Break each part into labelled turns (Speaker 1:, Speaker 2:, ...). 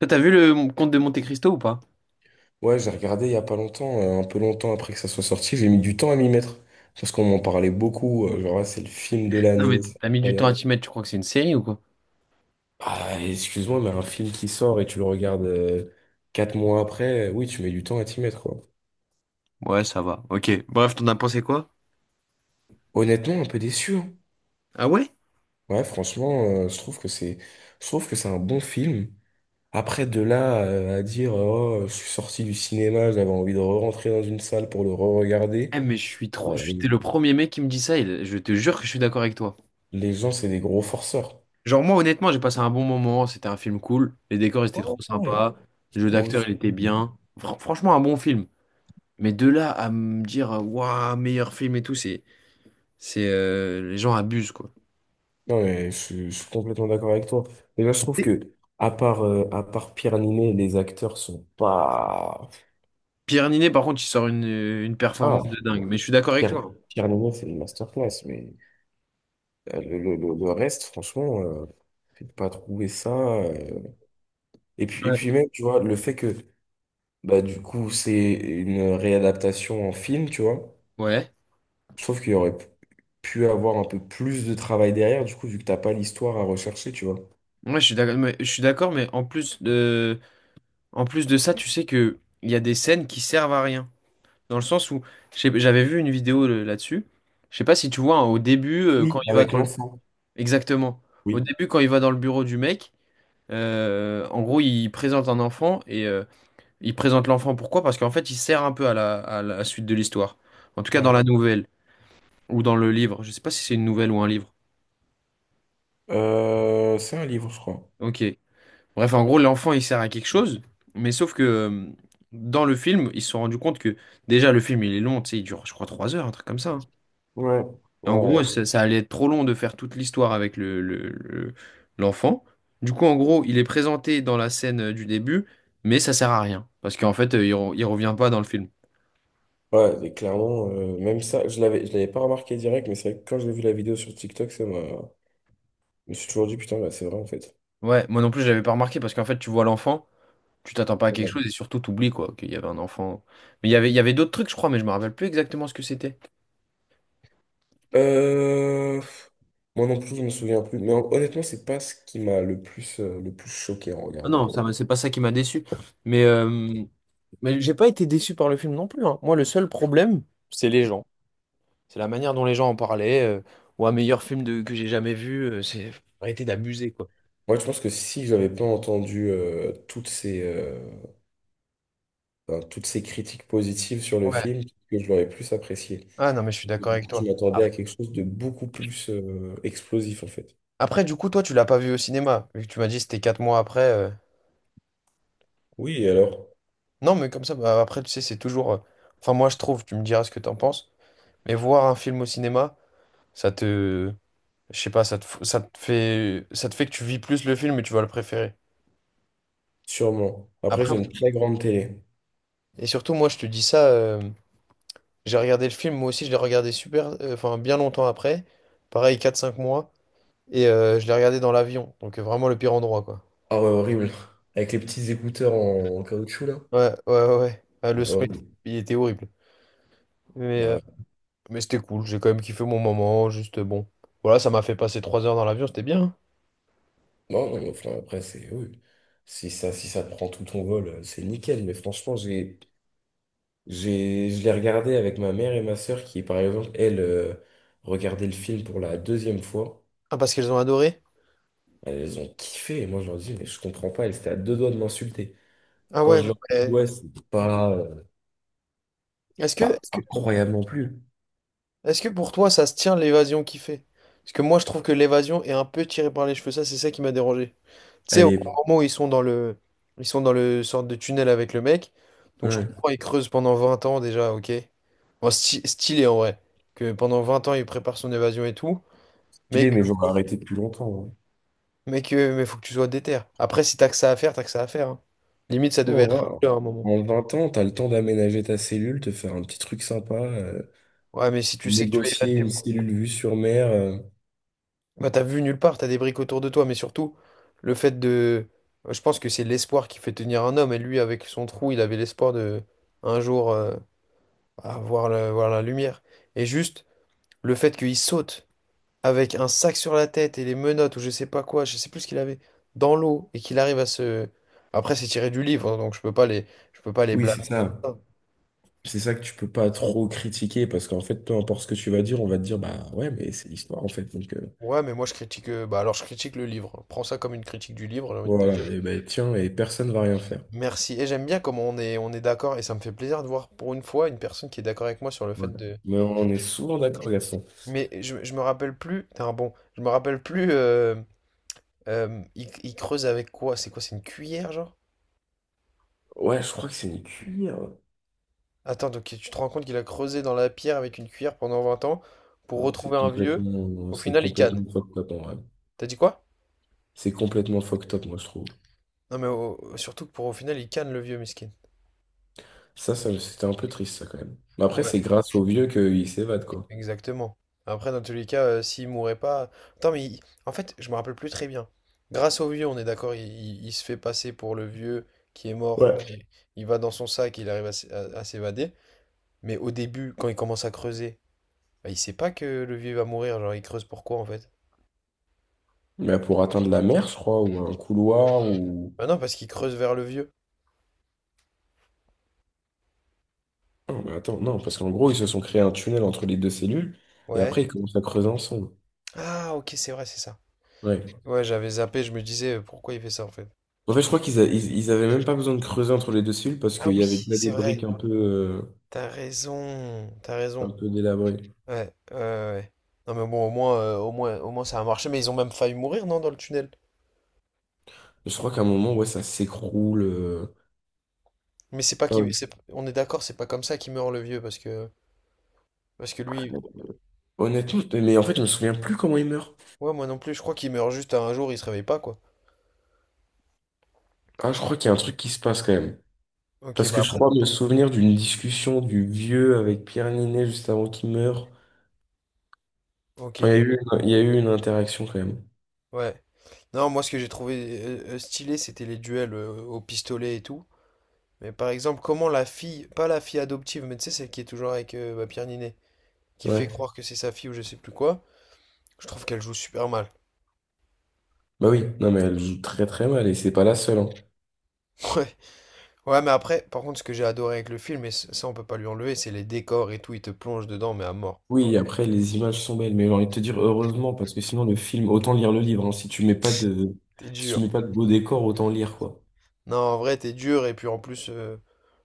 Speaker 1: Toi, t'as vu le Comte de Monte Cristo ou pas?
Speaker 2: Ouais, j'ai regardé il y a pas longtemps, un peu longtemps après que ça soit sorti, j'ai mis du temps à m'y mettre. Parce qu'on m'en parlait beaucoup, genre, ah, c'est le film de
Speaker 1: Non mais
Speaker 2: l'année, c'est
Speaker 1: t'as mis du temps à
Speaker 2: incroyable.
Speaker 1: t'y mettre, tu crois que c'est une série ou quoi?
Speaker 2: Ah, excuse-moi, mais un film qui sort et tu le regardes 4 mois après, oui, tu mets du temps à t'y mettre, quoi.
Speaker 1: Ouais, ça va. Ok. Bref, t'en as pensé quoi?
Speaker 2: Honnêtement, un peu déçu, hein.
Speaker 1: Ah ouais?
Speaker 2: Ouais, franchement, je trouve que c'est un bon film. Après, de là à dire, oh, je suis sorti du cinéma, j'avais envie de rentrer dans une salle pour le re-regarder.
Speaker 1: Eh mais je suis trop.
Speaker 2: Ouais,
Speaker 1: T'es le premier mec qui me dit ça et je te jure que je suis d'accord avec toi.
Speaker 2: les gens, c'est des gros forceurs.
Speaker 1: Genre, moi honnêtement j'ai passé un bon moment, c'était un film cool, les décors ils étaient
Speaker 2: Ouais,
Speaker 1: trop
Speaker 2: ouais.
Speaker 1: sympas, le jeu
Speaker 2: Moi
Speaker 1: d'acteur il
Speaker 2: aussi.
Speaker 1: était bien. Franchement un bon film. Mais de là à me dire waouh meilleur film et tout, c'est. C'est les gens abusent quoi.
Speaker 2: Non, mais je suis complètement d'accord avec toi. Déjà, je trouve
Speaker 1: Et
Speaker 2: que, à part Pierre Niney, les acteurs sont pas.
Speaker 1: Pierre Ninet par contre il sort une
Speaker 2: Ah,
Speaker 1: performance de dingue,
Speaker 2: non.
Speaker 1: mais je suis d'accord avec
Speaker 2: Pierre,
Speaker 1: toi.
Speaker 2: Pierre Niney, c'est une masterclass, mais le reste, franchement, j'ai pas trouvé ça, et
Speaker 1: Ouais.
Speaker 2: puis, même, tu vois, le fait que, bah, du coup, c'est une réadaptation en film, tu vois,
Speaker 1: Ouais.
Speaker 2: je trouve qu'il y aurait pu avoir un peu plus de travail derrière, du coup, vu que t'as pas l'histoire à rechercher, tu vois.
Speaker 1: Ouais, je suis d'accord, mais en plus de ça, tu sais que il y a des scènes qui servent à rien. Dans le sens où, j'avais vu une vidéo là-dessus. Je sais pas si tu vois, hein, au début, quand
Speaker 2: Oui.
Speaker 1: il va
Speaker 2: Avec
Speaker 1: dans le...
Speaker 2: l'enfant.
Speaker 1: Exactement. Au
Speaker 2: Oui.
Speaker 1: début, quand il va dans le bureau du mec, en gros, il présente un enfant et il présente l'enfant. Pourquoi? Parce qu'en fait, il sert un peu à la suite de l'histoire. En tout cas, dans
Speaker 2: Ouais.
Speaker 1: la nouvelle ou dans le livre. Je sais pas si c'est une nouvelle ou un livre.
Speaker 2: C'est un livre, je crois.
Speaker 1: Ok. Bref, en gros, l'enfant, il sert à quelque chose, mais sauf que dans le film, ils se sont rendus compte que déjà, le film, il est long, tu sais, il dure, je crois, 3 heures, un truc comme ça, hein.
Speaker 2: Ouais. Ouais,
Speaker 1: Et en gros,
Speaker 2: ouais.
Speaker 1: ça allait être trop long de faire toute l'histoire avec l'enfant. Du coup, en gros, il est présenté dans la scène du début, mais ça sert à rien, parce qu'en fait, il revient pas dans le film.
Speaker 2: Ouais, et clairement, même ça, je l'avais pas remarqué direct, mais c'est vrai que quand j'ai vu la vidéo sur TikTok, ça m'a. Je me suis toujours dit, putain, bah, c'est vrai en fait.
Speaker 1: Ouais, moi non plus, je l'avais pas remarqué, parce qu'en fait, tu vois l'enfant, tu t'attends pas à
Speaker 2: Ouais,
Speaker 1: quelque
Speaker 2: ouais.
Speaker 1: chose, et surtout, t'oublies, quoi, qu'il y avait un enfant. Mais il y avait d'autres trucs, je crois, mais je me rappelle plus exactement ce que c'était.
Speaker 2: Euh, moi non plus, je me souviens plus. Mais honnêtement, c'est pas ce qui m'a le plus choqué en
Speaker 1: Ah
Speaker 2: regardant,
Speaker 1: non, c'est pas ça qui m'a déçu. Mais, euh, mais j'ai pas été déçu par le film non plus, hein. Moi, le seul problème, c'est les gens. C'est la manière dont les gens en parlaient. Ou un meilleur film de, que j'ai jamais vu. C'est faut arrêter d'abuser, quoi.
Speaker 2: Moi, je pense que si j'avais pas entendu toutes enfin, toutes ces critiques positives sur le
Speaker 1: Ouais.
Speaker 2: film, que je l'aurais plus apprécié.
Speaker 1: Ah non, mais je suis
Speaker 2: Parce que
Speaker 1: d'accord
Speaker 2: du
Speaker 1: avec
Speaker 2: coup, je
Speaker 1: toi.
Speaker 2: m'attendais à quelque chose de beaucoup plus explosif en fait.
Speaker 1: Après, du coup, toi, tu l'as pas vu au cinéma, vu que tu m'as dit c'était 4 mois après.
Speaker 2: Oui, alors,
Speaker 1: Non, mais comme ça, bah, après, tu sais, c'est toujours. Enfin, moi, je trouve, tu me diras ce que t'en penses, mais voir un film au cinéma, ça te. Je sais pas, ça te fait que tu vis plus le film et tu vas le préférer.
Speaker 2: sûrement. Après,
Speaker 1: Après,
Speaker 2: j'ai une très grande télé.
Speaker 1: Et surtout, moi, je te dis ça, j'ai regardé le film, moi aussi, je l'ai regardé super, enfin, bien longtemps après. Pareil, quatre cinq mois. Et je l'ai regardé dans l'avion. Donc, vraiment le pire endroit, quoi.
Speaker 2: Ah ouais, horrible. Avec les petits écouteurs en caoutchouc, là.
Speaker 1: Ouais, ouais, ouais. Ouais. Ah, le
Speaker 2: Ouais,
Speaker 1: son,
Speaker 2: horrible.
Speaker 1: il était horrible. Mais, euh,
Speaker 2: Ouais,
Speaker 1: mais c'était cool, j'ai quand même kiffé mon moment, juste bon. Voilà, ça m'a fait passer 3 heures dans l'avion, c'était bien, hein.
Speaker 2: non, non, mais enfin, après, c'est... Oui. Si ça te prend tout ton vol, c'est nickel. Mais franchement, je l'ai regardé avec ma mère et ma sœur qui, par exemple, elles, regardaient le film pour la 2e fois.
Speaker 1: Ah, parce qu'elles ont adoré?
Speaker 2: Elles ont kiffé. Et moi, je leur dis, mais je comprends pas. Elles étaient à deux doigts de m'insulter.
Speaker 1: Ah
Speaker 2: Quand
Speaker 1: ouais,
Speaker 2: je
Speaker 1: non,
Speaker 2: leur dis,
Speaker 1: mais-
Speaker 2: ouais, c'est pas,
Speaker 1: Est-ce que,
Speaker 2: pas
Speaker 1: est-ce que,
Speaker 2: incroyable non plus.
Speaker 1: Est-ce que pour toi, ça se tient l'évasion qu'il fait? Parce que moi, je trouve que l'évasion est un peu tirée par les cheveux. Ça, c'est ça qui m'a dérangé. Tu sais,
Speaker 2: Elle
Speaker 1: au
Speaker 2: est...
Speaker 1: moment où ils sont dans le sorte de tunnel avec le mec. Donc, je
Speaker 2: ouais.
Speaker 1: comprends, ils creusent pendant 20 ans déjà, ok. Bon, stylé en vrai. Que pendant 20 ans, il prépare son évasion et tout. Mais
Speaker 2: Stylé,
Speaker 1: que,
Speaker 2: mais j'aurais arrêté depuis longtemps,
Speaker 1: mais faut que tu sois déter. Après, si t'as que ça à faire, t'as que ça à faire, hein. Limite, ça devait être
Speaker 2: hein.
Speaker 1: là à un moment.
Speaker 2: En 20 ans, t'as le temps d'aménager ta cellule, te faire un petit truc sympa,
Speaker 1: Ouais, mais si tu sais que tu vas y
Speaker 2: négocier
Speaker 1: rester.
Speaker 2: une cellule vue sur mer,
Speaker 1: Bah, t'as vu nulle part, t'as des briques autour de toi, mais surtout, le fait de... Je pense que c'est l'espoir qui fait tenir un homme, et lui, avec son trou, il avait l'espoir de, un jour, voir la lumière. Et juste, le fait qu'il saute avec un sac sur la tête et les menottes, ou je sais pas quoi, je sais plus ce qu'il avait, dans l'eau, et qu'il arrive à se... Après, c'est tiré du livre, hein, donc je peux pas les
Speaker 2: Oui, c'est
Speaker 1: blâmer.
Speaker 2: ça. C'est ça que tu peux pas trop critiquer parce qu'en fait, peu importe ce que tu vas dire, on va te dire, bah ouais, mais c'est l'histoire en fait. Donc
Speaker 1: Ouais, mais moi, bah, alors, je critique le livre. Prends ça comme une critique du livre, j'ai envie de te
Speaker 2: voilà,
Speaker 1: dire.
Speaker 2: et ben tiens, et personne va rien faire.
Speaker 1: Merci. Et j'aime bien comment on est d'accord. Et ça me fait plaisir de voir pour une fois une personne qui est d'accord avec moi sur le fait
Speaker 2: Voilà.
Speaker 1: de.
Speaker 2: Mais on est souvent d'accord, Gaston.
Speaker 1: Mais je me rappelle plus. Putain, bon, je me rappelle plus. Il creuse avec quoi? C'est quoi? C'est une cuillère, genre?
Speaker 2: Ouais, je crois que c'est une cuillère.
Speaker 1: Attends, donc tu te rends compte qu'il a creusé dans la pierre avec une cuillère pendant 20 ans pour
Speaker 2: Non,
Speaker 1: retrouver un vieux. Au
Speaker 2: c'est
Speaker 1: final, il canne.
Speaker 2: complètement fucked up en vrai.
Speaker 1: T'as dit quoi?
Speaker 2: C'est complètement fucked up, moi, je trouve.
Speaker 1: Non, mais surtout que pour au final, il canne le vieux, miskin.
Speaker 2: Ça, c'était un peu triste, ça, quand même. Mais après,
Speaker 1: Ouais.
Speaker 2: c'est grâce aux vieux qu'ils s'évadent, quoi.
Speaker 1: Exactement. Après, dans tous les cas, s'il mourait pas. Attends, en fait, je me rappelle plus très bien. Grâce au vieux, on est d'accord, il se fait passer pour le vieux qui est mort. Enfin,
Speaker 2: Ouais.
Speaker 1: il va dans son sac, il arrive à s'évader. Mais au début, quand il commence à creuser, bah, il sait pas que le vieux va mourir. Genre, il creuse pourquoi en fait?
Speaker 2: Mais pour atteindre la mer, je crois, ou un couloir, ou...
Speaker 1: Bah non, parce qu'il creuse vers le vieux.
Speaker 2: Non, mais attends, non, parce qu'en gros, ils se sont créés un tunnel entre les deux cellules, et
Speaker 1: Ouais.
Speaker 2: après, ils commencent à creuser ensemble.
Speaker 1: Ah, ok, c'est vrai, c'est ça.
Speaker 2: Ouais.
Speaker 1: Ouais, j'avais zappé, je me disais pourquoi il fait ça en fait.
Speaker 2: En fait, je crois qu'ils avaient même pas besoin de creuser entre les deux cellules, parce
Speaker 1: Ah
Speaker 2: qu'il y
Speaker 1: oui,
Speaker 2: avait déjà
Speaker 1: c'est
Speaker 2: des briques
Speaker 1: vrai. T'as raison, t'as
Speaker 2: un
Speaker 1: raison.
Speaker 2: peu délabrées.
Speaker 1: Ouais, ouais, ouais. Ouais. Non mais bon, au moins ça a marché, mais ils ont même failli mourir, non, dans le tunnel.
Speaker 2: Je crois qu'à un moment, ouais, ça s'écroule,
Speaker 1: Mais c'est pas qui,
Speaker 2: Enfin,
Speaker 1: c'est, on est d'accord, c'est pas comme ça qu'il meurt le vieux, parce que lui,
Speaker 2: honnêtement, mais en fait, je me souviens plus comment ils meurent.
Speaker 1: ouais, moi non plus, je crois qu'il meurt juste à un jour, il se réveille pas, quoi.
Speaker 2: Ah, je crois qu'il y a un truc qui se passe, quand même.
Speaker 1: Ok,
Speaker 2: Parce
Speaker 1: bah
Speaker 2: que je
Speaker 1: après,
Speaker 2: crois me souvenir d'une discussion du vieux avec Pierre Ninet juste avant qu'il meure.
Speaker 1: ok,
Speaker 2: Enfin, il y a eu une interaction quand même.
Speaker 1: ouais. Non, moi ce que j'ai trouvé stylé, c'était les duels au pistolet et tout. Mais par exemple, comment la fille, pas la fille adoptive, mais tu sais, celle qui est toujours avec bah, Pierre Ninet, qui fait
Speaker 2: Ouais.
Speaker 1: croire que c'est sa fille ou je sais plus quoi, je trouve qu'elle joue super mal.
Speaker 2: Bah oui, non mais elle joue très très mal et c'est pas la seule, hein.
Speaker 1: Ouais. Ouais, mais après, par contre, ce que j'ai adoré avec le film, et ça on peut pas lui enlever, c'est les décors et tout, il te plonge dedans, mais à mort.
Speaker 2: Oui, après les images sont belles, mais j'ai envie de te dire heureusement parce que sinon le film, autant lire le livre, hein.
Speaker 1: T'es
Speaker 2: Si tu
Speaker 1: dur.
Speaker 2: mets pas de beau décor, autant lire quoi.
Speaker 1: Non, en vrai, t'es dur, et puis en plus,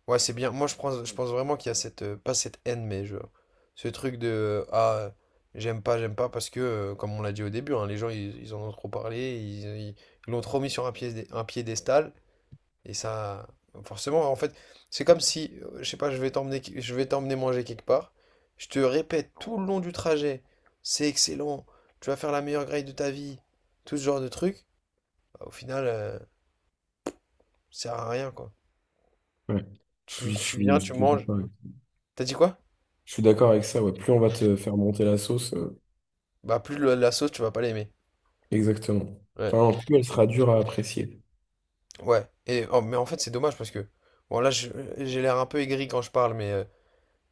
Speaker 1: ouais, c'est bien. Moi, je pense vraiment qu'il y a cette, pas cette haine, ce truc de, j'aime pas, parce que, comme on l'a dit au début, hein, les gens, ils en ont trop parlé, ils l'ont trop mis sur un piédestal, Et ça, forcément, en fait, c'est comme si, je sais pas, je vais t'emmener manger quelque part. Je te répète tout le long du trajet, c'est excellent, tu vas faire la meilleure grille de ta vie, tout ce genre de trucs. Bah, au final, ça sert à rien, quoi.
Speaker 2: Ouais.
Speaker 1: Tu, tu viens,
Speaker 2: Je
Speaker 1: tu
Speaker 2: suis
Speaker 1: manges.
Speaker 2: d'accord,
Speaker 1: T'as dit quoi?
Speaker 2: je suis d'accord avec ça. Ouais. Plus on va te faire monter la sauce,
Speaker 1: Bah, plus la sauce, tu vas pas l'aimer.
Speaker 2: exactement.
Speaker 1: Ouais.
Speaker 2: Enfin, plus elle sera dure à apprécier.
Speaker 1: Ouais. Et, oh, mais en fait, c'est dommage parce que, bon, là, j'ai l'air un peu aigri quand je parle,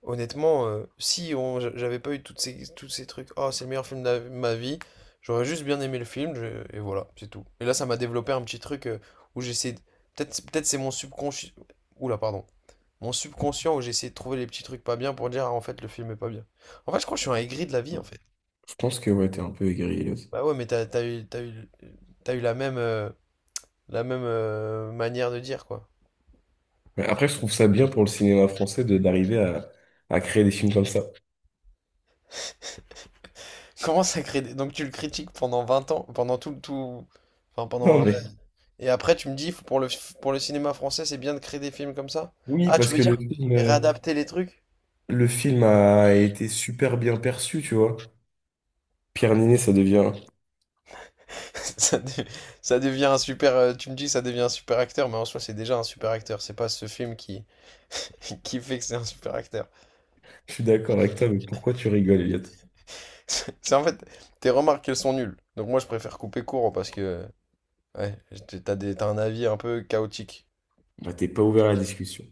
Speaker 1: honnêtement, si on, j'a- j'avais pas eu tous ces trucs, oh, c'est le meilleur film de ma vie, j'aurais juste bien aimé le film, et voilà, c'est tout. Et là, ça m'a développé un petit truc où j'essaie. Peut-être c'est mon subconscient. Oula, pardon. Mon subconscient où j'essaie de trouver les petits trucs pas bien pour dire, ah, en fait, le film est pas bien. En fait, je crois que je suis un aigri de la vie,
Speaker 2: Ouais.
Speaker 1: en fait.
Speaker 2: Je pense que ouais, t'es un peu aigri, là.
Speaker 1: Bah ouais, mais t'as eu la même manière de dire, quoi.
Speaker 2: Mais après, je trouve ça bien pour le cinéma français de d'arriver à créer des films comme ça.
Speaker 1: Comment ça crée. Donc, tu le critiques pendant 20 ans, pendant tout, tout... Enfin,
Speaker 2: Non,
Speaker 1: pendant
Speaker 2: mais
Speaker 1: et après, tu me dis, pour pour le cinéma français, c'est bien de créer des films comme ça?
Speaker 2: oui,
Speaker 1: Ah, tu
Speaker 2: parce
Speaker 1: veux
Speaker 2: que
Speaker 1: dire et réadapter les trucs?
Speaker 2: le film a été super bien perçu, tu vois. Pierre Niney, ça devient.
Speaker 1: Ça, de- ça devient un super. Tu me dis, ça devient un super acteur, mais en soi, c'est déjà un super acteur. C'est pas ce film qui, qui fait que c'est un super acteur.
Speaker 2: Je suis d'accord avec toi, mais pourquoi tu rigoles, Elliot?
Speaker 1: C'est en fait, tes remarques, elles sont nulles. Donc moi, je préfère couper court parce que, ouais, t'as un avis un peu chaotique.
Speaker 2: Bah, t'es pas ouvert à la discussion.